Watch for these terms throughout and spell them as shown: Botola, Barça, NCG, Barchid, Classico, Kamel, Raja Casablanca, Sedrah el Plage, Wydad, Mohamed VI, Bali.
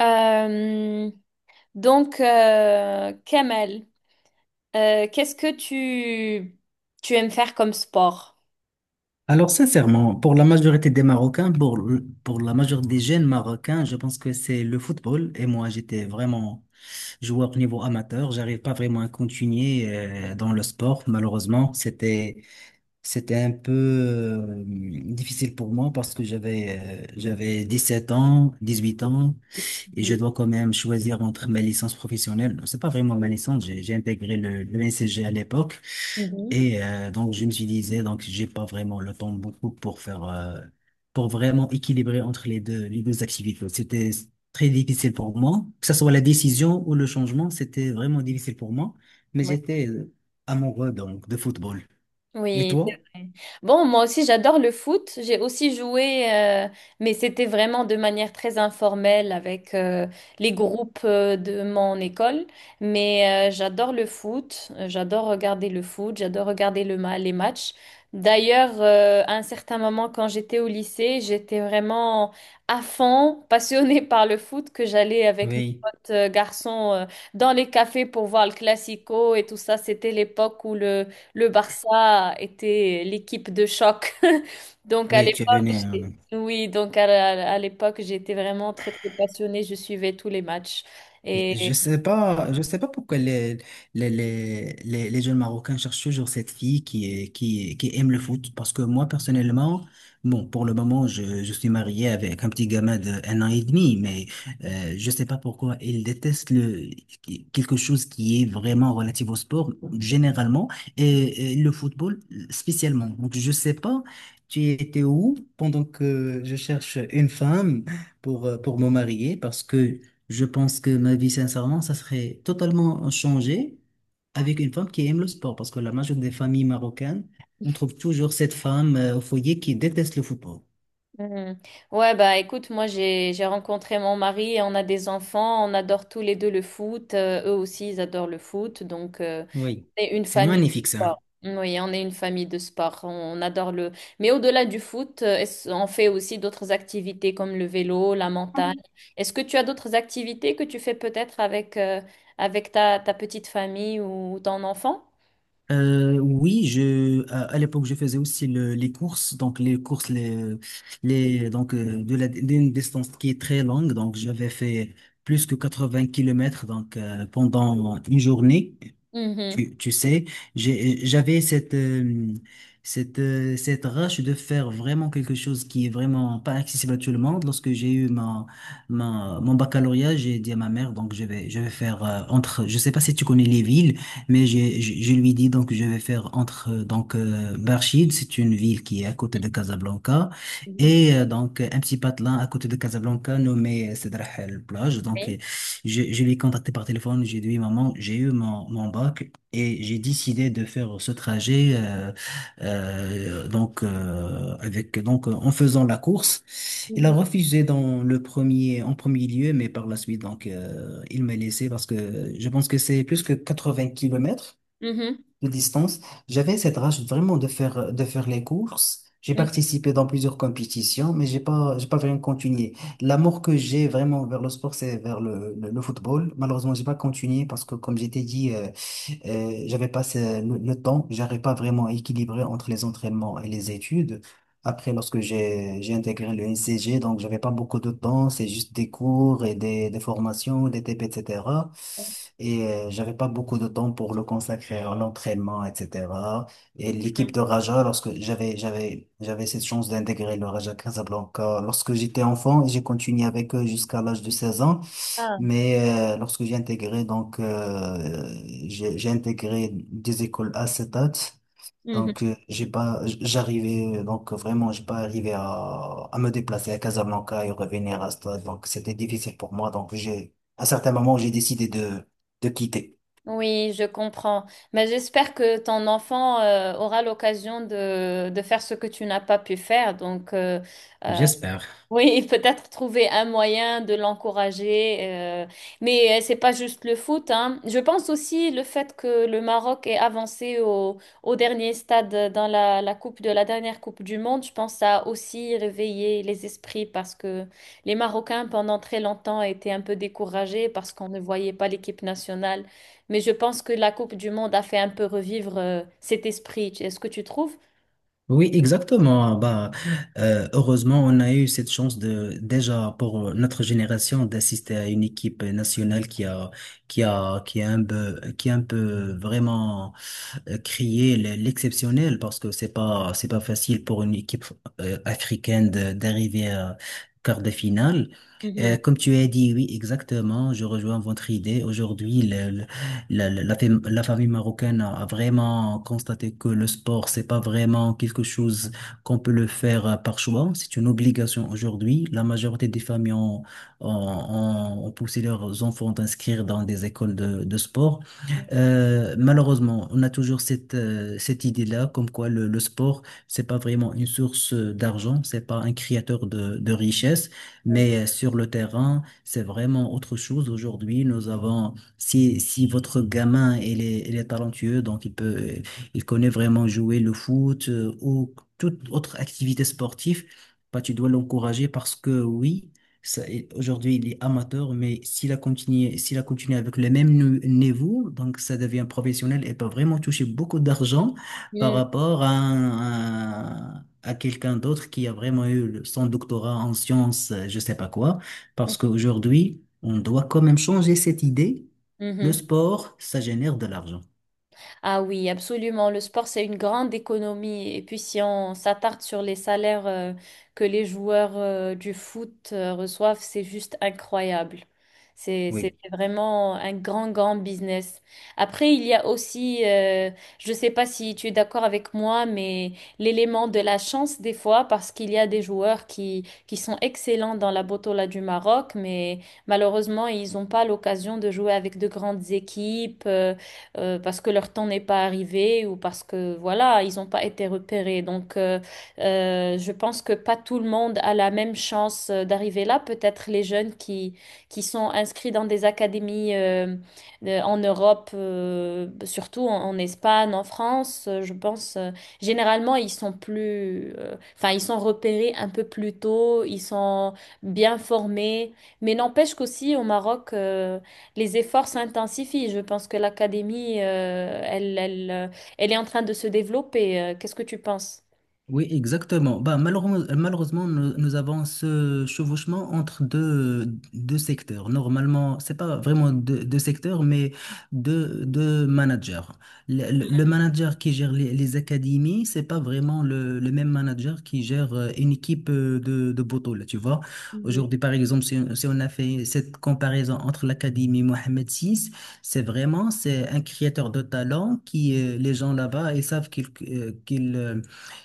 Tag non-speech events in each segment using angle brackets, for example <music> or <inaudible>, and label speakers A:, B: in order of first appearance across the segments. A: Euh, donc, Kamel, qu'est-ce que tu aimes faire comme sport?
B: Alors, sincèrement, pour la majorité des Marocains, pour la majorité des jeunes Marocains, je pense que c'est le football. Et moi, j'étais vraiment joueur au niveau amateur. J'arrive pas vraiment à continuer dans le sport, malheureusement. C'était un peu difficile pour moi parce que j'avais 7 ans, 18 ans, et je
A: Mhm.
B: dois quand même choisir entre ma licence professionnelle. C'est pas vraiment ma licence, j'ai intégré le NCG à l'époque. Et donc, je me suis disais, donc, j'ai pas vraiment le temps beaucoup pour pour vraiment équilibrer entre les deux activités. C'était très difficile pour moi, que ce soit la décision ou le changement, c'était vraiment difficile pour moi, mais
A: Mhm.
B: j'étais amoureux, donc, de football. Et
A: Oui, c'est
B: toi?
A: vrai. Bon, moi aussi, j'adore le foot. J'ai aussi joué, mais c'était vraiment de manière très informelle avec les groupes de mon école. Mais j'adore le foot. J'adore regarder le foot. J'adore regarder les matchs. D'ailleurs, à un certain moment, quand j'étais au lycée, j'étais vraiment à fond, passionnée <laughs> par le foot, que j'allais avec mes
B: Oui,
A: potes garçons dans les cafés pour voir le Classico et tout ça. C'était l'époque où le Barça était l'équipe de choc. <laughs> Donc à
B: oui, tu es
A: l'époque,
B: venu.
A: oui, à l'époque, j'étais vraiment très très passionnée, je suivais tous les matchs.
B: Je
A: Et
B: je sais pas, je sais pas pourquoi les jeunes Marocains cherchent toujours cette fille qui aime le foot. Parce que moi, personnellement, bon, pour le moment, je suis marié avec un petit gamin de 1 an et demi, mais je sais pas pourquoi il déteste quelque chose qui est vraiment relatif au sport, généralement, et le football spécialement. Donc, je sais pas, tu étais où pendant que je cherche une femme pour me marier parce que je pense que ma vie, sincèrement, ça serait totalement changé avec une femme qui aime le sport, parce que la majorité des familles marocaines, on trouve toujours cette femme au foyer qui déteste le football.
A: Hmm. Ouais, bah écoute, moi j'ai rencontré mon mari et on a des enfants, on adore tous les deux le foot, eux aussi ils adorent le foot, donc
B: Oui,
A: on est une
B: c'est
A: famille de
B: magnifique
A: sport.
B: ça.
A: Oui, on est une famille de sport. On adore le… Mais au-delà du foot, on fait aussi d'autres activités comme le vélo, la montagne. Est-ce que tu as d'autres activités que tu fais peut-être avec, avec ta petite famille ou ton enfant?
B: Oui, à l'époque, je faisais aussi les courses, donc les courses, les, donc d'une distance qui est très longue, donc j'avais fait plus que 80 kilomètres pendant une journée.
A: Mhm.
B: Tu sais, j'avais cette rage de faire vraiment quelque chose qui est vraiment pas accessible à tout le monde. Lorsque j'ai eu mon baccalauréat, j'ai dit à ma mère, donc je vais faire entre, je sais pas si tu connais les villes, mais je lui dis donc je vais faire entre Barchid, c'est une ville qui est à côté de Casablanca,
A: Mhm.
B: et un petit patelin à côté de Casablanca nommé Sedrah el Plage. Donc,
A: Oui.
B: je l'ai contacté par téléphone, j'ai dit, oui, maman, j'ai eu mon bac. Et j'ai décidé de faire ce trajet donc avec donc en faisant la course. Il a
A: Mhm.
B: refusé dans le premier en premier lieu, mais par la suite il m'a laissé parce que je pense que c'est plus que 80 kilomètres
A: Mhm.
B: de distance. J'avais cette rage vraiment de faire les courses. J'ai
A: Mhm.
B: participé dans plusieurs compétitions, mais j'ai pas vraiment continué. L'amour que j'ai vraiment vers le sport, c'est vers le football. Malheureusement, j'ai pas continué parce que, comme j'étais dit, j'avais pas le temps. J'arrivais pas vraiment à équilibrer entre les entraînements et les études. Après, lorsque j'ai intégré le NCG, donc j'avais pas beaucoup de temps, c'est juste des cours et des formations, des TP, etc. Et cetera. Et j'avais pas beaucoup de temps pour le consacrer à l'entraînement, etc. Et l'équipe de Raja, lorsque j'avais cette chance d'intégrer le Raja Casablanca, lorsque j'étais enfant, j'ai continué avec eux jusqu'à l'âge de 16 ans.
A: Ah.
B: Mais lorsque j'ai intégré des écoles à Setat,
A: Mhm.
B: j'ai pas arrivé à me déplacer à Casablanca et revenir à Stade. Donc, c'était difficile pour moi. Donc, à certains moments j'ai décidé de quitter.
A: Oui, je comprends. Mais j'espère que ton enfant aura l'occasion de faire ce que tu n'as pas pu faire. Donc, euh,
B: J'espère.
A: oui, peut-être trouver un moyen de l'encourager, mais c'est pas juste le foot, hein. Je pense aussi le fait que le Maroc est avancé au dernier stade dans la coupe de la dernière Coupe du Monde. Je pense que ça a aussi réveillé les esprits parce que les Marocains pendant très longtemps étaient un peu découragés parce qu'on ne voyait pas l'équipe nationale. Mais je pense que la Coupe du Monde a fait un peu revivre cet esprit. Est-ce que tu trouves?
B: Oui, exactement. Bah, heureusement, on a eu cette chance de déjà pour notre génération d'assister à une équipe nationale qui a un peu vraiment crié l'exceptionnel parce que c'est pas facile pour une équipe africaine d'arriver à quart de finale. Euh,
A: Mhm.
B: comme tu as dit, oui, exactement. Je rejoins votre idée. Aujourd'hui, la famille marocaine a vraiment constaté que le sport, c'est pas vraiment quelque chose qu'on peut le faire par choix. C'est une obligation aujourd'hui. La majorité des familles ont poussé leurs enfants d'inscrire dans des écoles de sport. Malheureusement, on a toujours cette idée-là, comme quoi le sport, c'est pas vraiment une source d'argent, c'est pas un créateur de richesse, mais sur le terrain, c'est vraiment autre chose. Aujourd'hui, nous avons si votre gamin il est talentueux, donc il connaît vraiment jouer le foot ou toute autre activité sportive, bah, tu dois l'encourager parce que oui, ça- aujourd'hui il est amateur, mais s'il a continué avec le même niveau, donc ça devient professionnel et peut vraiment toucher beaucoup d'argent par
A: Mhm.
B: rapport à quelqu'un d'autre qui a vraiment eu son doctorat en sciences, je sais pas quoi, parce qu'aujourd'hui, on doit quand même changer cette idée le
A: Mhm.
B: sport, ça génère de l'argent.
A: Ah oui, absolument. Le sport, c'est une grande économie. Et puis, si on s'attarde sur les salaires que les joueurs du foot reçoivent, c'est juste incroyable. C'est
B: Oui.
A: vraiment un grand, grand business. Après, il y a aussi, je ne sais pas si tu es d'accord avec moi, mais l'élément de la chance des fois, parce qu'il y a des joueurs qui sont excellents dans la Botola du Maroc, mais malheureusement, ils n'ont pas l'occasion de jouer avec de grandes équipes. Parce que leur temps n'est pas arrivé ou parce que voilà, ils n'ont pas été repérés. Donc, je pense que pas tout le monde a la même chance d'arriver là. Peut-être les jeunes qui sont inscrits dans des académies en Europe, surtout en Espagne, en France, je pense, généralement, ils sont plus, enfin, ils sont repérés un peu plus tôt, ils sont bien formés. Mais n'empêche qu'aussi au Maroc, les efforts s'intensifient. Je pense que l'académie, elle est en train de se développer. Qu'est-ce que tu penses?
B: Oui, exactement. Bah, malheureusement, malheureusement, nous avons ce chevauchement entre deux secteurs. Normalement, c'est pas vraiment deux secteurs, mais deux managers. Le manager qui gère les académies, c'est pas vraiment le même manager qui gère une équipe de Botola, tu vois.
A: Mhm.
B: Aujourd'hui, par exemple, si on a fait cette comparaison entre l'académie Mohamed VI, c'est un créateur de talent les gens là-bas, ils savent qu'il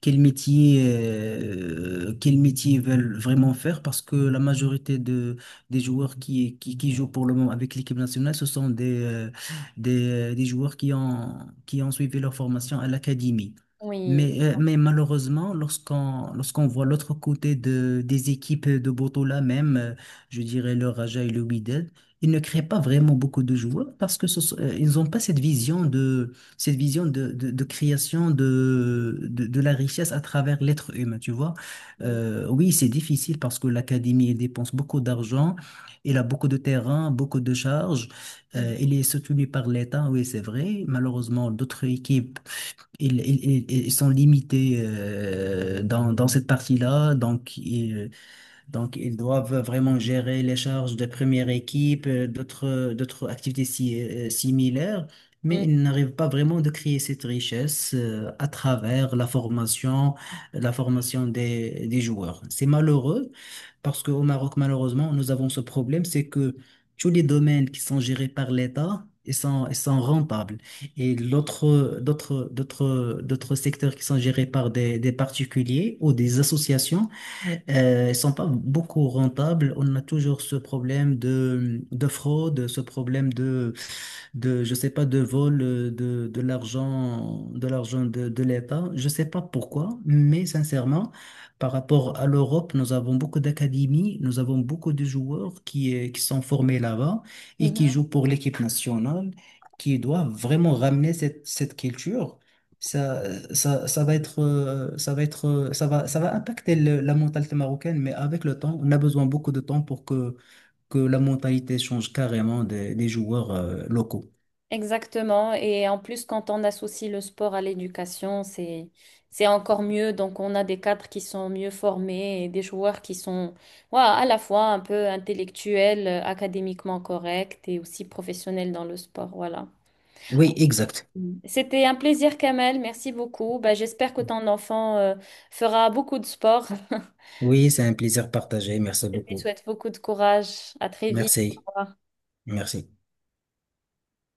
B: quel métier ils veulent vraiment faire parce que la majorité des joueurs qui jouent pour le moment avec l'équipe nationale, ce sont des joueurs qui ont suivi leur formation à l'académie.
A: Oui.
B: Mais malheureusement, lorsqu'on voit l'autre côté des équipes de Botola même, je dirais le Raja et le Wydad, ils ne créent pas vraiment beaucoup de joueurs parce que ils n'ont pas cette vision de création de la richesse à travers l'être humain, tu vois.
A: Oui.
B: Oui, c'est difficile parce que l'académie, elle dépense beaucoup d'argent, elle a beaucoup de terrain, beaucoup de charges, elle est soutenue par l'État, oui, c'est vrai. Malheureusement, d'autres équipes, ils sont limités dans cette partie-là, donc, ils doivent vraiment gérer les charges de première équipe, d'autres activités similaires, mais
A: Mhm.
B: ils n'arrivent pas vraiment de créer cette richesse à travers la formation des joueurs. C'est malheureux parce qu'au Maroc, malheureusement, nous avons ce problème, c'est que tous les domaines qui sont gérés par l'État, ils sont rentables. Et d'autres secteurs qui sont gérés par des particuliers ou des associations, mais ils sont pas beaucoup rentables. On a toujours ce problème de fraude, ce problème je sais pas, de vol de l'argent, de l'argent de l'État. Je sais pas pourquoi, mais sincèrement, par rapport à l'Europe, nous avons beaucoup d'académies, nous avons beaucoup de joueurs qui sont formés là-bas et qui
A: Mhm.
B: jouent pour l'équipe nationale, qui doivent vraiment ramener cette culture. Ça, ça va être, ça va impacter la mentalité marocaine, mais avec le temps, on a besoin beaucoup de temps pour que la mentalité change carrément des joueurs, locaux.
A: Exactement. Et en plus, quand on associe le sport à l'éducation, c'est encore mieux. Donc, on a des cadres qui sont mieux formés et des joueurs qui sont, voilà, à la fois un peu intellectuels, académiquement corrects et aussi professionnels dans le sport. Voilà.
B: Oui, exact.
A: Mm. C'était un plaisir, Kamel. Merci beaucoup. Bah, j'espère que ton enfant fera beaucoup de sport. <laughs>
B: Oui, c'est un plaisir partagé. Merci
A: Je lui
B: beaucoup.
A: souhaite beaucoup de courage. À très vite. Au
B: Merci.
A: revoir.
B: Merci.